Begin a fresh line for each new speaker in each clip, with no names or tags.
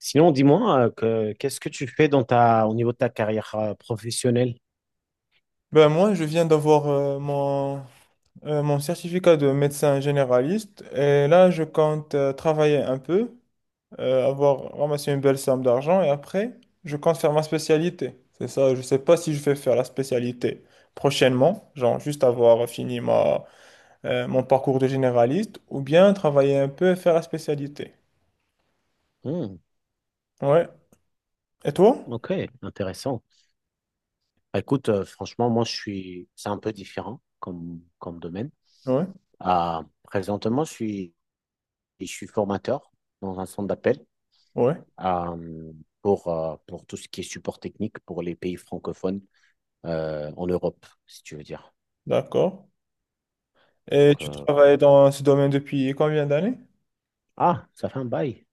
Sinon, dis-moi, qu'est-ce que tu fais dans au niveau de ta carrière professionnelle?
Ben moi, je viens d'avoir mon certificat de médecin généraliste et là, je compte travailler un peu, avoir ramassé une belle somme d'argent et après, je compte faire ma spécialité. C'est ça, je sais pas si je vais faire la spécialité prochainement, genre juste avoir fini mon parcours de généraliste ou bien travailler un peu et faire la spécialité.
Hmm,
Ouais. Et toi?
ok, intéressant. Bah, écoute, franchement, c'est un peu différent comme, comme domaine.
Ouais.
Présentement, je suis formateur dans un centre d'appel
Ouais.
euh, pour tout ce qui est support technique pour les pays francophones en Europe, si tu veux dire.
D'accord. Et
Donc,
tu travailles
voilà.
dans ce domaine depuis combien d'années?
Ah, ça fait un bail.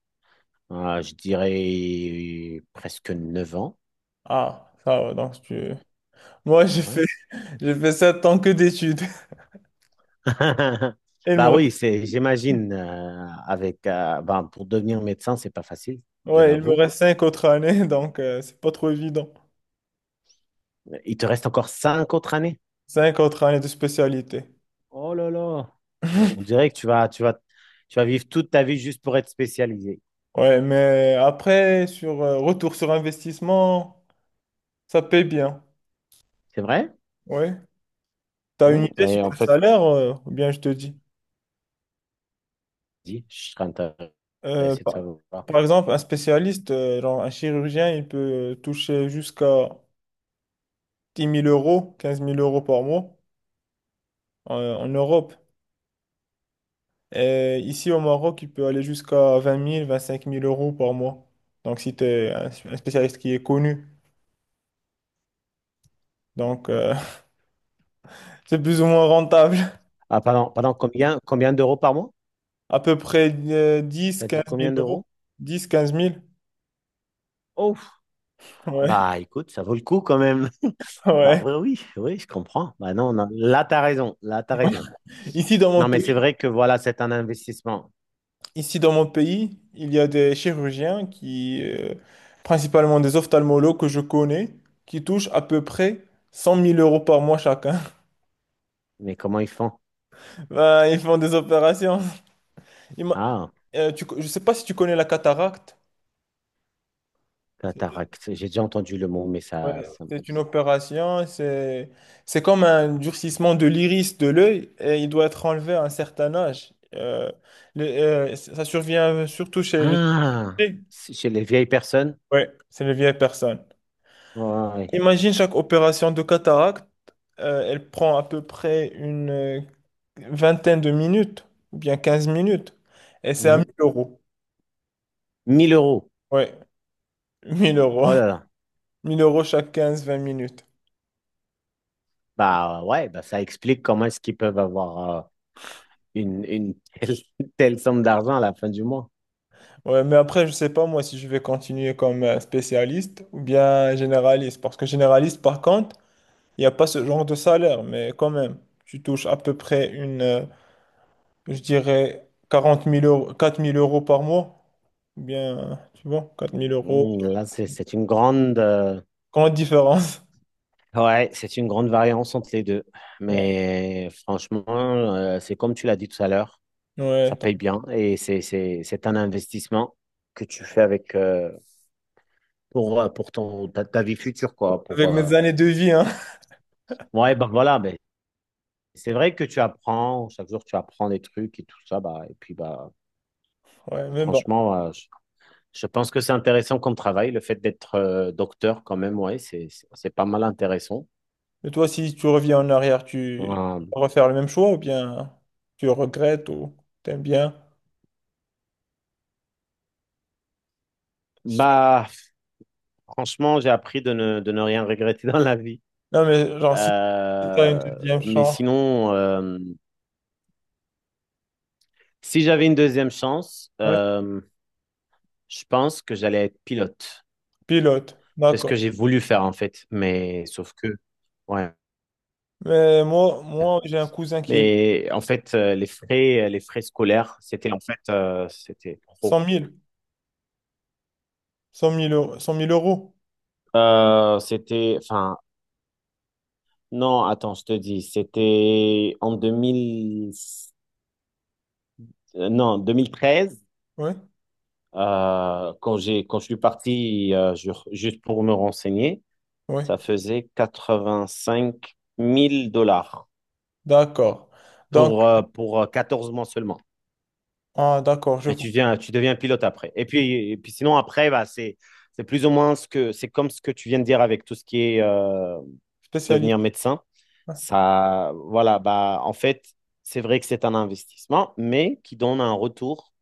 Je dirais presque 9 ans.
Ah, ça va, donc tu... Moi, j'ai
Ouais.
fait, j'ai fait 7 ans que d'études. Et
Bah oui, j'imagine, pour devenir médecin, c'est pas facile, je
ouais, il me
l'avoue.
reste 5 autres années, donc c'est pas trop évident.
Il te reste encore 5 autres années.
Cinq autres années de spécialité.
Oh là là, on dirait que tu vas vivre toute ta vie juste pour être spécialisé.
Ouais, mais après, sur retour sur investissement, ça paye bien.
C'est vrai?
Ouais. T'as une
Mmh.
idée sur
Oui, en
le
fait,
salaire, ou bien je te dis.
dis, je serais
Euh,
intéressé de
par,
savoir.
par exemple, un spécialiste, genre un chirurgien, il peut toucher jusqu'à 10 000 euros, 15 000 euros par mois en Europe. Et ici au Maroc, il peut aller jusqu'à 20 000, 25 000 euros par mois. Donc si tu es un spécialiste qui est connu, donc euh, c'est plus ou moins rentable.
Ah, pardon, pardon, combien d'euros par mois?
À peu près 10,
T'as
15
dit
000
combien
euros.
d'euros?
Dix, quinze mille.
Oh,
Ouais,
bah écoute, ça vaut le coup quand même. Ah
ouais.
oui, oui, oui, je comprends. Bah non, non, là, t'as raison, là, t'as raison.
Ici dans mon
Non, mais c'est
pays,
vrai que voilà, c'est un investissement.
Ici dans mon pays, il y a des chirurgiens principalement des ophtalmologues que je connais, qui touchent à peu près 100 000 euros par mois chacun.
Mais comment ils font?
Ben, ils font des opérations. Ima-
Ah,
je sais pas si tu connais la cataracte.
cataracte. J'ai déjà entendu le mot, mais
Ouais,
ça...
c'est une opération, c'est comme un durcissement de l'iris de l'œil et il doit être enlevé à un certain âge. Ça survient surtout chez les
Ah,
filles.
c'est chez les vieilles personnes.
Ouais, c'est les vieilles personnes.
Ouais.
Imagine chaque opération de cataracte, elle prend à peu près une vingtaine de minutes, ou bien 15 minutes, et c'est à 1000
Mhm.
euros.
1000 euros.
Ouais, 1 000 euros.
Oh là là.
1 000 euros chaque quinze vingt minutes.
Bah ouais, bah, ça explique comment est-ce qu'ils peuvent avoir une telle, telle somme d'argent à la fin du mois.
Ouais, mais après, je sais pas moi si je vais continuer comme spécialiste ou bien généraliste. Parce que généraliste, par contre, il n'y a pas ce genre de salaire. Mais quand même, tu touches à peu près je dirais, 40 000 euros, 4 000 euros par mois. Ou bien, tu vois, 4 000 euros.
Mhm. Là, c'est une grande...
Grande différence.
Ouais, c'est une grande variance entre les deux.
Ouais,
Mais franchement, c'est comme tu l'as dit tout à l'heure.
ouais,
Ça
attends.
paye bien et c'est un investissement que tu fais avec pour ta vie future, quoi. Pour,
Avec mes années de vie, hein.
ouais, bah voilà, mais c'est vrai que tu apprends, chaque jour tu apprends des trucs et tout ça, bah, et puis bah,
Ouais, mais bon.
franchement, je pense que c'est intéressant comme travail, le fait d'être docteur quand même, ouais, c'est pas mal intéressant.
Et toi, si tu reviens en arrière, tu
Euh,
vas refaire le même choix ou bien tu regrettes ou t'aimes bien? Si tu-
Bah, franchement, j'ai appris de ne rien regretter dans la vie.
Non, mais genre, si tu as une
Euh,
deuxième
mais
chance.
sinon, si j'avais une deuxième chance,
Ouais,
je pense que j'allais être pilote.
pilote,
C'est ce que
d'accord.
j'ai voulu faire en fait, mais sauf que, ouais.
Mais moi j'ai un cousin qui est
Mais en fait, les frais scolaires, c'était trop.
100 000, 100 000 euros. 100 000 euros.
C'était, enfin, non, Attends, je te dis, c'était en 2000, euh, non, 2013,
Oui,
quand je suis parti, juste pour me renseigner,
oui,
ça faisait 85 000 dollars
d'accord. Donc,
pour 14 mois seulement.
ah, d'accord, je
Et
vois.
tu deviens pilote après. Et puis sinon, après, bah, c'est plus ou moins ce c'est comme ce que tu viens de dire avec tout ce qui est
Spécialiste.
devenir médecin.
Ouais.
Ça, voilà, bah, en fait, c'est vrai que c'est un investissement, mais qui donne un retour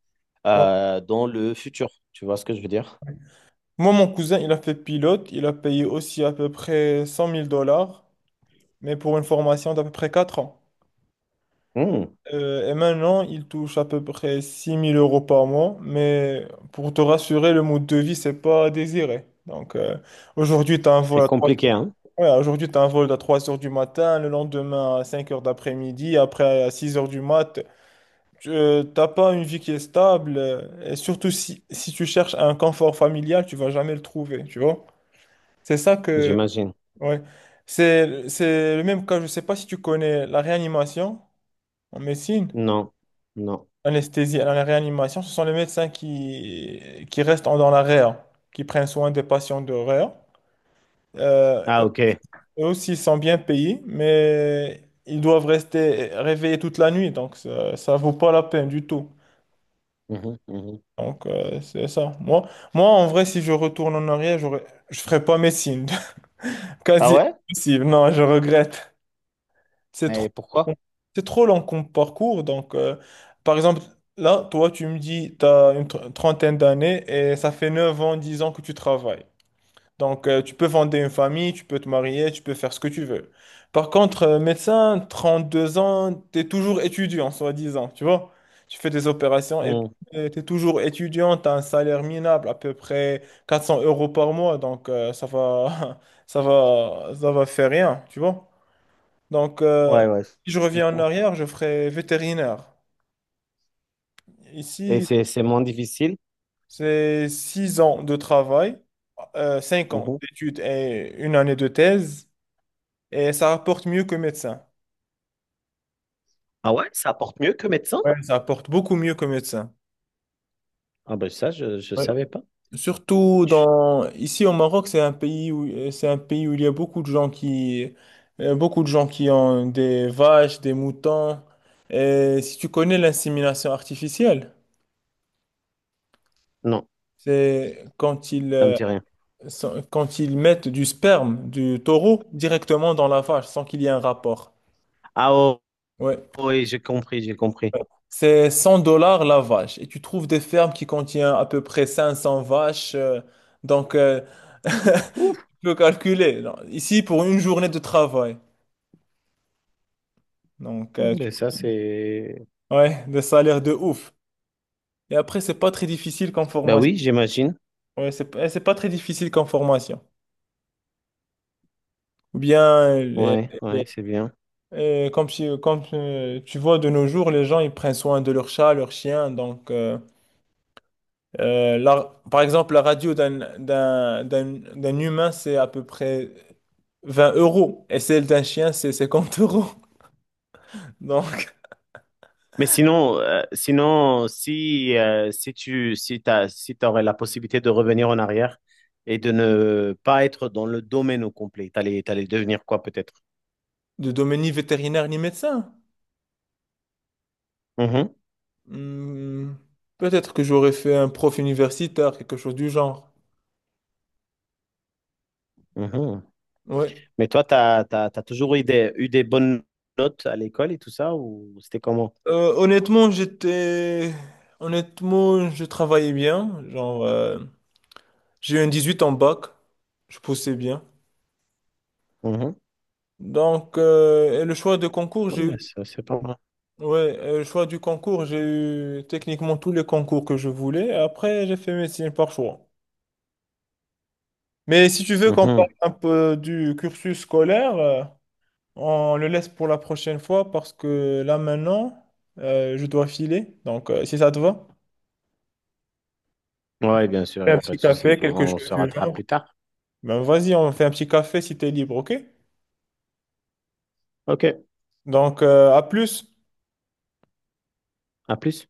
Ouais.
dans le futur. Tu vois ce que je veux dire?
Moi, mon cousin, il a fait pilote. Il a payé aussi à peu près 100 000 dollars, mais pour une formation d'à peu près 4 ans.
Hmm,
Et maintenant, il touche à peu près 6 000 euros par mois. Mais pour te rassurer, le mode de vie, c'est pas désiré. Aujourd'hui, tu as un
c'est
vol à 3.
compliqué, hein,
Ouais, aujourd'hui, tu as un vol à 3 heures du matin, le lendemain à 5 heures d'après-midi, après à 6 heures du mat. Tu n'as pas une vie qui est stable. Et surtout, si tu cherches un confort familial, tu vas jamais le trouver, tu vois? C'est ça que...
j'imagine.
Ouais. C'est le même cas, je sais pas si tu connais la réanimation en médecine,
Non, non.
l'anesthésie, la réanimation, ce sont les médecins qui restent dans la réa, qui prennent soin des patients de réa. Euh,
Ah, ok.
Eux aussi sont bien payés, mais ils doivent rester réveillés toute la nuit, donc ça vaut pas la peine du tout.
Mhm, mhm.
C'est ça. Moi, en vrai, si je retourne en arrière, je ferais pas médecine.
Ah
Quasi
ouais?
impossible. Non, je regrette. C'est trop,
Mais pourquoi?
c'est trop long comme parcours. Par exemple, là, toi, tu me dis, tu as une trentaine d'années et ça fait 9 ans, 10 ans que tu travailles. Tu peux fonder une famille, tu peux te marier, tu peux faire ce que tu veux. Par contre, médecin, 2 ans, tu es toujours étudiant, soi-disant, tu vois. Tu fais des opérations et
Hmm,
tu es toujours étudiant, tu as un salaire minable, à peu près 400 euros par mois, ça va, ça va faire rien, tu vois. Donc, euh,
ouais, ouais,
Si je
je
reviens en
comprends.
arrière, je ferai vétérinaire.
Et
Ici,
c'est moins difficile?
c'est 6 ans de travail, 5 ans d'études et une année de thèse. Et ça rapporte mieux que médecin.
Ah ouais, ça apporte mieux que médecin?
Ouais, ça rapporte beaucoup mieux que médecin.
Ah ben ça, je ne
Ouais.
savais pas.
Surtout
Chut,
dans ici au Maroc, c'est un pays où il y a beaucoup de gens qui ont des vaches, des moutons. Et si tu connais l'insémination artificielle,
non,
c'est quand ils
ça me
euh,
dit rien.
sont- quand ils mettent du sperme du taureau directement dans la vache sans qu'il y ait un rapport.
Ah oh,
Ouais.
oui, j'ai compris, j'ai compris.
C'est 100 dollars la vache. Et tu trouves des fermes qui contiennent à peu près 500 vaches. Donc, euh, tu
Ouf,
peux calculer. Non. Ici, pour une journée de travail. Donc, euh, tu-
ben ça c'est...
ouais, des salaires de ouf. Et après, c'est pas très difficile comme
Ben
formation.
oui, j'imagine.
Ouais, c'est pas très difficile comme formation. Ou bien,
Ouais, ouais,
les-
c'est bien.
tu vois, de nos jours, les gens, ils prennent soin de leurs chats, leurs chiens. Par exemple, la radio d'un humain, c'est à peu près 20 euros. Et celle d'un chien, c'est 50 euros. Donc,
Mais sinon, sinon, si t'aurais la possibilité de revenir en arrière et de ne pas être dans le domaine au complet, t'allais devenir quoi peut-être?
de domaine ni vétérinaire ni médecin.
Mhm,
Hmm, peut-être que j'aurais fait un prof universitaire, quelque chose du genre.
mhm.
Ouais.
Mais toi, t'as toujours eu eu des bonnes notes à l'école et tout ça, ou c'était comment?
Euh, honnêtement, j'étais... Honnêtement, je travaillais bien. Genre, j'ai eu un 18 en bac. Je poussais bien. Et le choix de concours, j'ai
Ouais,
eu.
ça, c'est pas mal.
Ouais, le choix du concours, j'ai eu techniquement tous les concours que je voulais. Après, j'ai fait médecine par choix. Mais si tu veux qu'on parle
Mhm.
un peu du cursus scolaire, on le laisse pour la prochaine fois parce que là maintenant, je dois filer. Si ça te va,
Ouais, bien sûr, il
fais
n'y
un
a pas
petit
de souci.
café, quelque
On
chose
se
du
rattrape
genre.
plus tard.
Ben, vas-y, on fait un petit café si t'es libre, ok?
Ok,
À plus.
à plus.